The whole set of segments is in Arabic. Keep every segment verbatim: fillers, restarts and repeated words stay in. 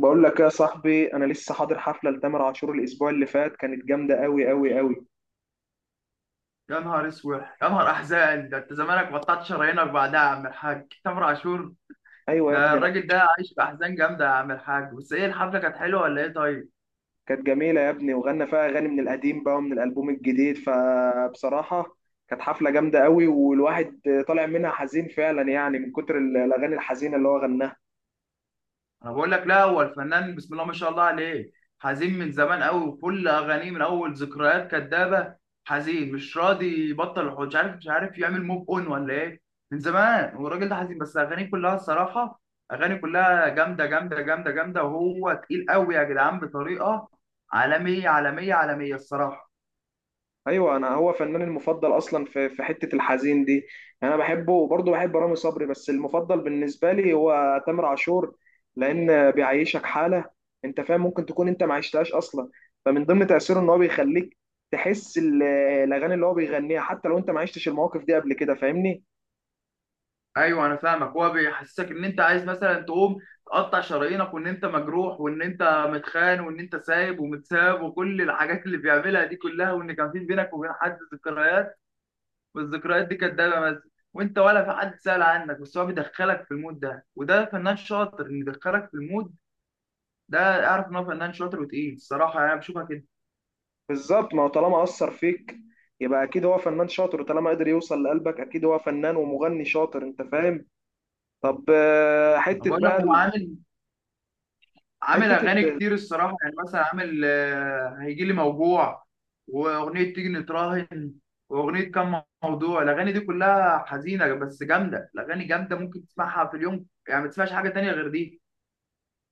بقول لك يا صاحبي، انا لسه حاضر حفله لتامر عاشور الاسبوع اللي فات. كانت جامده قوي قوي قوي. يا نهار اسود يا نهار احزان، ده انت زمانك بطلت شرايينك بعدها يا عم الحاج تامر عاشور. ايوه يا ده ابني أنا- الراجل ده عايش باحزان جامده يا عم الحاج، بس ايه الحفله كانت حلوه ولا ايه؟ طيب. كانت جميله يا ابني، وغنى فيها اغاني من القديم بقى ومن الالبوم الجديد. فبصراحه كانت حفله جامده قوي، والواحد طالع منها حزين فعلا، يعني من كتر ال- الاغاني الحزينه اللي هو غناها. انا بقول لك لا، هو الفنان بسم الله ما شاء الله عليه حزين من زمان قوي، وكل اغانيه من اول ذكريات كدابه حزين، مش راضي يبطل الحوش، مش عارف مش عارف يعمل موف اون ولا ايه. من زمان والراجل ده حزين، بس اغانيه كلها الصراحه اغاني كلها جامده جامده جامده جامده، وهو تقيل قوي يا جدعان بطريقه عالميه عالميه عالميه الصراحه. ايوه، انا هو فناني المفضل اصلا في في حته الحزين دي. انا بحبه، وبرضه بحب رامي صبري، بس المفضل بالنسبه لي هو تامر عاشور، لان بيعيشك حاله. انت فاهم؟ ممكن تكون انت ما عشتهاش اصلا، فمن ضمن تاثيره ان هو بيخليك تحس ال- الاغاني اللي هو بيغنيها حتى لو انت ما عشتش المواقف دي قبل كده. فاهمني؟ ايوه انا فاهمك، هو بيحسسك ان انت عايز مثلا تقوم تقطع شرايينك، وان انت مجروح، وان انت متخان، وان انت سايب ومتساب، وكل الحاجات اللي بيعملها دي كلها، وان كان في بينك وبين حد ذكريات والذكريات دي كدابه بس، وانت ولا في حد سأل عنك، بس هو بيدخلك في المود ده، وده فنان شاطر ان يدخلك في المود ده. اعرف ان هو فنان شاطر وتقيل الصراحه، يعني انا بشوفها كده. بالظبط، ما هو طالما اثر فيك يبقى اكيد هو فنان شاطر، وطالما قدر يوصل لقلبك اكيد هو فنان ومغني شاطر. انت فاهم؟ طب آه، أنا حته بقول لك بقى هو ال- عامل عامل حته اغاني كتير الصراحه، يعني مثلا عامل آه، هيجي لي موجوع، واغنيه تيجي نتراهن، واغنيه كم. موضوع الاغاني دي كلها حزينه بس جامده، الاغاني جامده ممكن تسمعها في اليوم، يعني ما تسمعش حاجه تانية غير دي.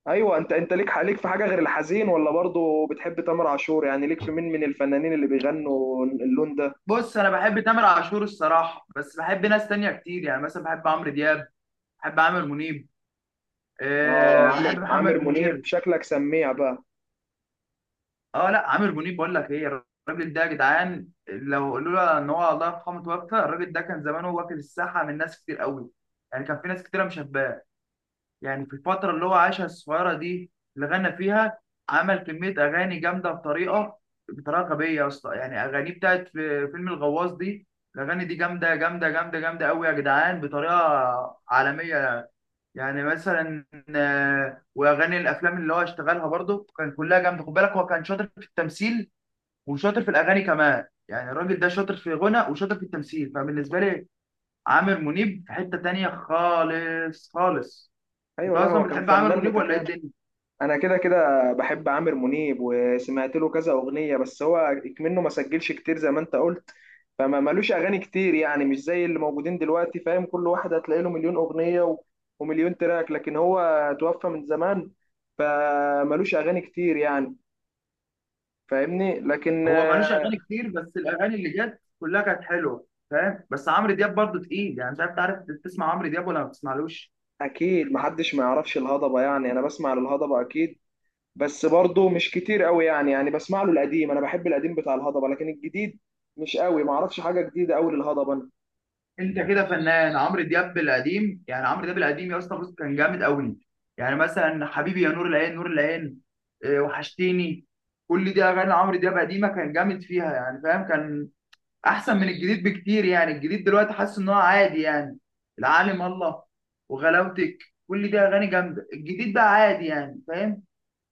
ايوه، انت انت ليك ليك في حاجه غير الحزين، ولا برضو بتحب تامر عاشور؟ يعني ليك في مين من الفنانين اللي بيغنوا اللون ده؟ بص انا بحب تامر عاشور الصراحه، بس بحب ناس تانية كتير، يعني مثلا بحب عمرو دياب، بحب عامر منيب، اه، أه بحب عامر عامر محمد منيب، منير. شكلك سميع بقى. اه لا، عامر منيب بقول لك ايه، الراجل ده يا جدعان لو لولا ان هو الله يرحمه توفى، الراجل ده كان زمانه واكل الساحه من ناس كتير قوي. يعني كان في ناس كتيره مشباه، يعني في الفتره اللي هو عاشها الصغيره دي اللي غنى فيها عمل كميه اغاني جامده بطريقه بطريقه غبيه اصلا. يعني اغانيه بتاعت في فيلم الغواص دي، الاغاني دي جامده جامده جامده جامده قوي يا جدعان بطريقه عالميه. يعني مثلا آه، واغاني الافلام اللي هو اشتغلها برضه كان كلها جامده، خد بالك هو كان شاطر في التمثيل وشاطر في الاغاني كمان، يعني الراجل ده شاطر في غنى وشاطر في التمثيل، فبالنسبه لي عامر منيب في حته تانية خالص خالص. انت ايوه، لا اصلا هو كان بتحب عامر فنان منيب ولا ايه متكامل. الدنيا؟ انا كده كده بحب عامر منيب، وسمعت له كذا اغنيه، بس هو منه ما سجلش كتير زي ما انت قلت. فما ملوش اغاني كتير يعني، مش زي اللي موجودين دلوقتي. فاهم؟ كل واحد هتلاقي له مليون اغنيه و... ومليون تراك، لكن هو توفى من زمان، فملوش اغاني كتير يعني. فاهمني؟ لكن هو ملوش اغاني كتير، بس الاغاني اللي جت كلها كانت حلوه فاهم، بس عمرو دياب برضه تقيل، يعني مش عارف، تعرف تسمع عمرو دياب ولا ما بتسمعلوش؟ اكيد محدش ما يعرفش الهضبه، يعني انا بسمع للهضبه اكيد، بس برضه مش كتير قوي يعني. يعني بسمع له القديم، انا بحب القديم بتاع الهضبه، لكن الجديد مش قوي، ما اعرفش حاجه جديده قوي للهضبه. انت كده فنان عمرو دياب القديم، يعني عمرو دياب القديم يا اسطى بص كان جامد قوي. يعني مثلا حبيبي يا نور العين، نور العين، إيه، وحشتيني، كل دي اغاني عمرو دياب قديمه، كان جامد فيها يعني فاهم، كان احسن من الجديد بكتير، يعني الجديد دلوقتي حاسس ان هو عادي يعني. العالم الله، وغلاوتك، كل دي اغاني جامده، الجديد بقى عادي يعني فاهم،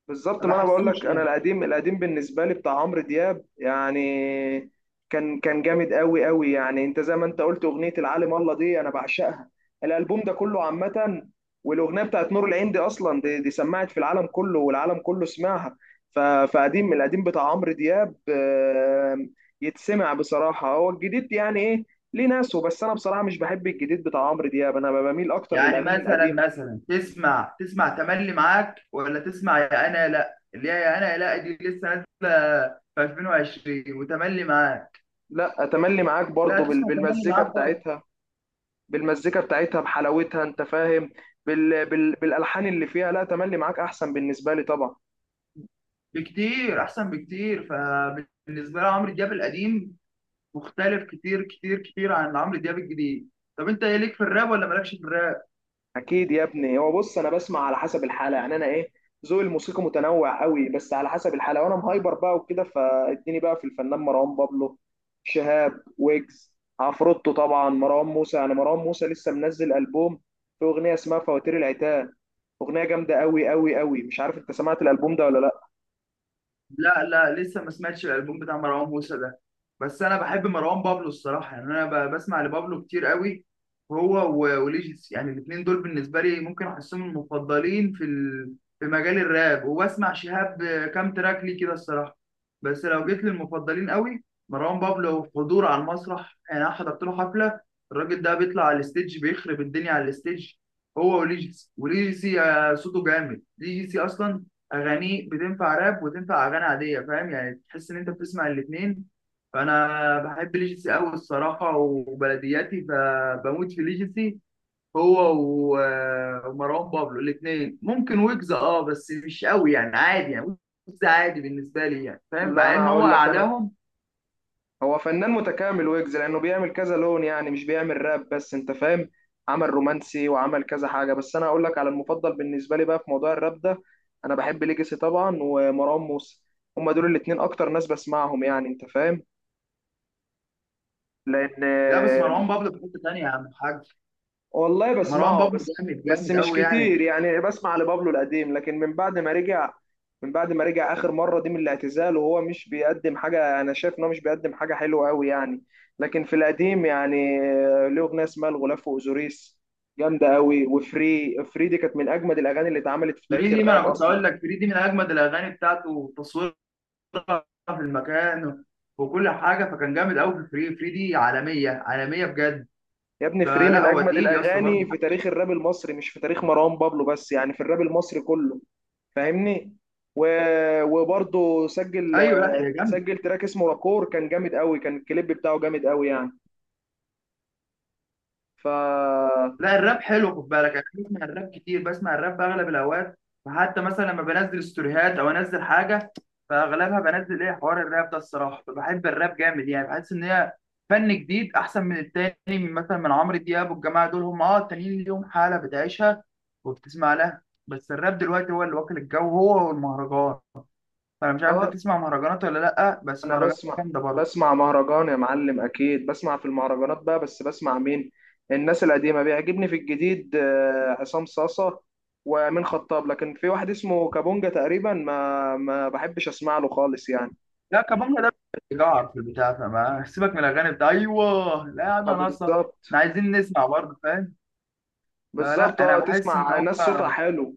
بالظبط، ما ما انا بقول بحسوش لك، انا يعني. القديم القديم بالنسبه لي بتاع عمرو دياب يعني، كان كان جامد قوي قوي. يعني انت زي ما انت قلت، اغنيه العالم الله دي انا بعشقها، الالبوم ده كله عامه. والاغنيه بتاعت نور العين دي اصلا، دي, دي سمعت في العالم كله، والعالم كله سمعها. ف- فقديم القديم بتاع عمرو دياب آه، يتسمع بصراحه. هو الجديد يعني ايه؟ ليه ناسه؟ بس انا بصراحه مش بحب الجديد بتاع عمرو دياب، انا بميل اكتر يعني للاغاني مثلا القديمه. مثلا تسمع تسمع تملي معاك، ولا تسمع يا انا يا لا، اللي هي يا انا يا لا دي لسه نازله في ألفين وعشرين، وتملي معاك لا، اتملي معاك لا، برضو بال- تسمع تملي بالمزيكا معاك طبعا، بتاعتها، بالمزيكا بتاعتها، بحلاوتها. انت فاهم؟ بال... بال... بالالحان اللي فيها. لا، تملي معاك احسن بالنسبه لي طبعا. بكتير احسن بكتير. فبالنسبه لي عمرو دياب القديم مختلف كتير كتير كتير عن عمرو دياب الجديد. طب انت ايه ليك في الراب ولا مالكش في الراب؟ اكيد يا ابني. هو بص، انا بسمع على حسب الحاله، يعني انا ايه، ذوقي الموسيقى متنوع قوي، بس على حسب الحاله. وانا مهايبر بقى وكده، فاديني بقى في الفنان مروان بابلو، شهاب، ويجز، عفروتو، طبعا مروان موسى. يعني مروان موسى لسه منزل البوم، في اغنيه اسمها فواتير العتاب، اغنيه جامده قوي قوي قوي. مش عارف انت سمعت الالبوم ده ولا لا؟ لا لا، لسه ما سمعتش الالبوم بتاع مروان موسى ده، بس انا بحب مروان بابلو الصراحه، يعني انا ب- بسمع لبابلو كتير قوي. هو و- وليجيس، يعني الاثنين دول بالنسبه لي ممكن احسهم المفضلين في ال... في مجال الراب. وبسمع شهاب كام تراك ليه كده الصراحه، بس لو جيت للمفضلين قوي مروان بابلو حضور على المسرح، يعني انا حضرت له حفله، الراجل ده بيطلع على الستيج بيخرب الدنيا على الستيج، هو وليجيس. وليجيسي آه، صوته جامد، ليجيسي اصلا اغانيه بتنفع راب وتنفع اغاني عاديه فاهم، يعني تحس ان انت بتسمع الاثنين، فانا بحب ليجيسي قوي الصراحه وبلدياتي، فبموت في ليجيسي، هو و- ومروان بابلو الاثنين، ممكن ويجز اه بس مش قوي يعني عادي يعني، ويجز عادي بالنسبه لي يعني فاهم، لا، مع انا ان هو هقول لك، انا اعلاهم. هو فنان متكامل ويجز، لانه بيعمل كذا لون، يعني مش بيعمل راب بس. انت فاهم؟ عمل رومانسي، وعمل كذا حاجه، بس انا اقول لك على المفضل بالنسبه لي بقى في موضوع الراب ده. انا بحب ليجاسي طبعا، ومروان موسى، هما دول الاتنين اكتر ناس بسمعهم يعني. انت فاهم؟ لا بس لان مروان بابلو في حته ثانيه يا عم الحاج، والله مروان بسمعه، بابلو بس جامد بس جامد مش قوي يعني. كتير يعني. بسمع لبابلو القديم، لكن من بعد ما رجع، من بعد ما رجع آخر مرة دي من الاعتزال، وهو مش بيقدم حاجة. أنا شايف إن هو مش بيقدم حاجة حلوة أوي يعني. لكن في القديم يعني آه، له أغنية اسمها الغلاف وأوزوريس، جامدة أوي. وفري، فري دي كانت من أجمد الأغاني اللي اتعملت في تاريخ فريدي، ما الراب انا كنت أصلا. اقول لك فريدي من اجمد الاغاني بتاعته، تصوير في المكان وكل حاجه، فكان جامد قوي في الفري فري دي، عالميه عالميه بجد، يا ابني فري فلا من هو أجمد تقيل يا اسطى الأغاني برضه. في تاريخ الراب المصري، مش في تاريخ مروان بابلو بس يعني، في الراب المصري كله. فاهمني؟ و... وبرضه سجل ايوه لا هي جامده، سجل تراك اسمه راكور، كان جامد قوي، كان الكليب بتاعه جامد قوي يعني. فا لا الراب حلو خد بالك، يعني انا بسمع الراب كتير، بسمع الراب في اغلب الاوقات، فحتى مثلا لما بنزل ستوريهات او انزل حاجه فاغلبها بنزل ايه حوار الراب ده الصراحه، فبحب الراب جامد، يعني بحس ان هي فن جديد احسن من التاني، من مثلا من عمرو دياب والجماعه دول، هم اه التانيين ليهم حاله بتعيشها وبتسمع لها، بس الراب دلوقتي هو اللي واكل الجو، هو والمهرجان. انا مش عارف اه، انت تسمع مهرجانات ولا لا، بس انا مهرجانات بسمع جامده برضه. بسمع مهرجان يا معلم، اكيد بسمع في المهرجانات بقى. بس بسمع مين؟ الناس القديمه، بيعجبني في الجديد آه، عصام صاصه، وامين خطاب. لكن في واحد اسمه كابونجا تقريبا، ما ما بحبش اسمع له خالص يعني. لا كمانجا ده بيجعر في البتاع، فما سيبك من الاغاني بتاع، ايوه لا آه، انا ناقصه، احنا بالظبط. عايزين نسمع برضه فاهم، بالظبط، فلا انا اه، بحس ان تسمع هو ناس صوتها حلو.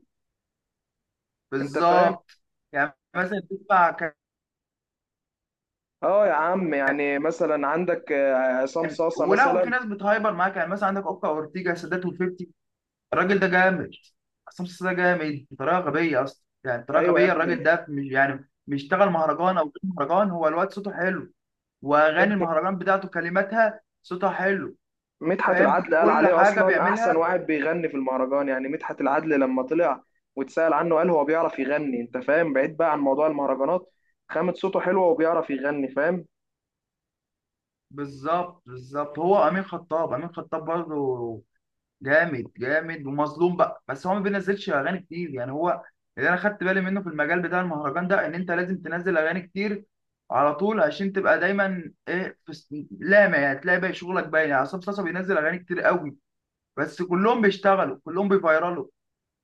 انت فاهم؟ بالظبط. يعني مثلا تسمع كان، اه يا عم، يعني مثلا عندك آه، عصام صاصه ولو في مثلا. ناس بتهايبر معاك يعني مثلا عندك اوكا اورتيجا سادات وفيفتي، الراجل ده جامد. عصام صاصا ده جامد بطريقه غبيه اصلا، يعني بطريقه ايوه يا غبيه، ابني، الراجل ده مش يعني مش اشتغل مهرجان او غير مهرجان، هو الواد صوته حلو، واغاني المهرجان بتاعته كلماتها صوتها حلو مدحت فاهم، العدل قال كل عليه حاجه اصلا احسن بيعملها. واحد بيغني في المهرجان يعني. مدحت العدل لما طلع واتسأل عنه قال هو بيعرف يغني. انت فاهم؟ بعيد بقى عن موضوع المهرجانات، خامة صوته حلوة وبيعرف يغني. فاهم؟ بالظبط بالظبط، هو امين خطاب، امين خطاب برضه جامد جامد ومظلوم بقى، بس هو ما بينزلش اغاني كتير، يعني هو اللي انا خدت بالي منه في المجال بتاع المهرجان ده ان انت لازم تنزل اغاني كتير على طول عشان تبقى دايما ايه في س- لامع، يعني تلاقي بقى شغلك باين. يعني عصام صاصا بينزل اغاني كتير قوي، بس كلهم بيشتغلوا، كلهم بيفيرالوا،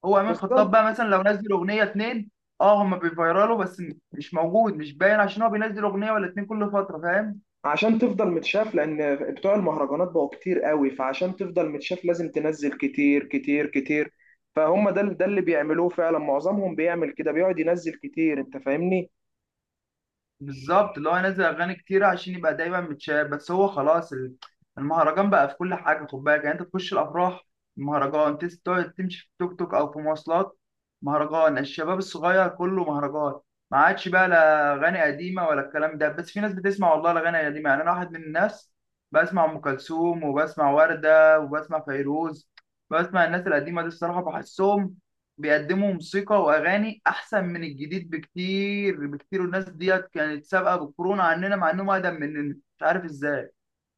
هو امين خطاب بالظبط، بقى مثلا لو نزل اغنيه اتنين، اه هما بيفيرالوا، بس م- مش موجود مش باين عشان هو بينزل اغنيه ولا اتنين كل فتره فاهم. عشان تفضل متشاف، لان بتوع المهرجانات بقوا كتير قوي، فعشان تفضل متشاف لازم تنزل كتير كتير كتير. فهم ده ده اللي بيعملوه فعلا، معظمهم بيعمل كده، بيقعد ينزل كتير. انت فاهمني؟ بالظبط، اللي هو ينزل اغاني كتيره عشان يبقى دايما متشاف، بس هو خلاص ال- المهرجان بقى في كل حاجه خد بالك. يعني انت تخش الافراح مهرجان، تس- تقعد تمشي في توك توك او في مواصلات مهرجان، الشباب الصغير كله مهرجان، ما عادش بقى لا اغاني قديمه ولا الكلام ده. بس في ناس بتسمع والله الاغاني القديمه، يعني انا واحد من الناس بسمع ام كلثوم وبسمع ورده وبسمع فيروز، بسمع الناس القديمه دي الصراحه، بحسهم بيقدموا موسيقى واغاني احسن من الجديد بكتير بكتير، والناس ديت كانت سابقه بالكورونا عننا مع انهم اقدم مننا مش عارف ازاي.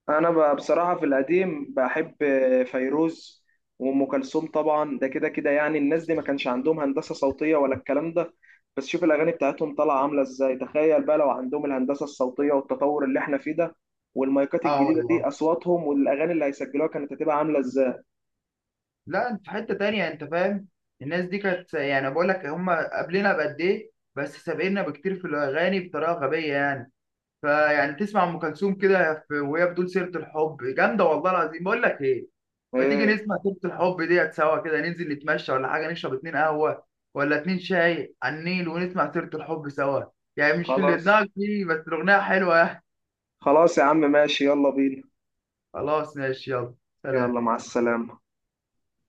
انا ب- بصراحه في القديم بحب فيروز وام كلثوم طبعا، ده كده كده يعني. الناس دي ما كانش عندهم هندسه صوتيه ولا الكلام ده، بس شوف الاغاني بتاعتهم طالعه عامله ازاي. تخيل بقى لو عندهم الهندسه الصوتيه والتطور اللي احنا فيه ده، والمايكات اه الجديده والله، دي، اصواتهم والاغاني اللي هيسجلوها كانت هتبقى عامله ازاي. لا انت في حته تانية انت فاهم، الناس دي كانت يعني بقول لك هم قبلنا بقد ايه، بس سابقنا بكتير في الاغاني بطريقه غبيه يعني. فيعني تسمع ام كلثوم كده في- وهي بتقول سيره الحب جامده والله العظيم، بقول لك ايه، ما تيجي ايه، نسمع تبت الحب ديت سوا كده، ننزل نتمشى ولا حاجة، نشرب اتنين قهوة ولا اتنين شاي على النيل ونسمع سيرة الحب سوا، يعني مش في اللي خلاص، دماغك فيه بس الأغنية حلوة يعني. خلاص يا عم ماشي، يلا بينا. خلاص ماشي يلا. يلا سلام. مع السلامه.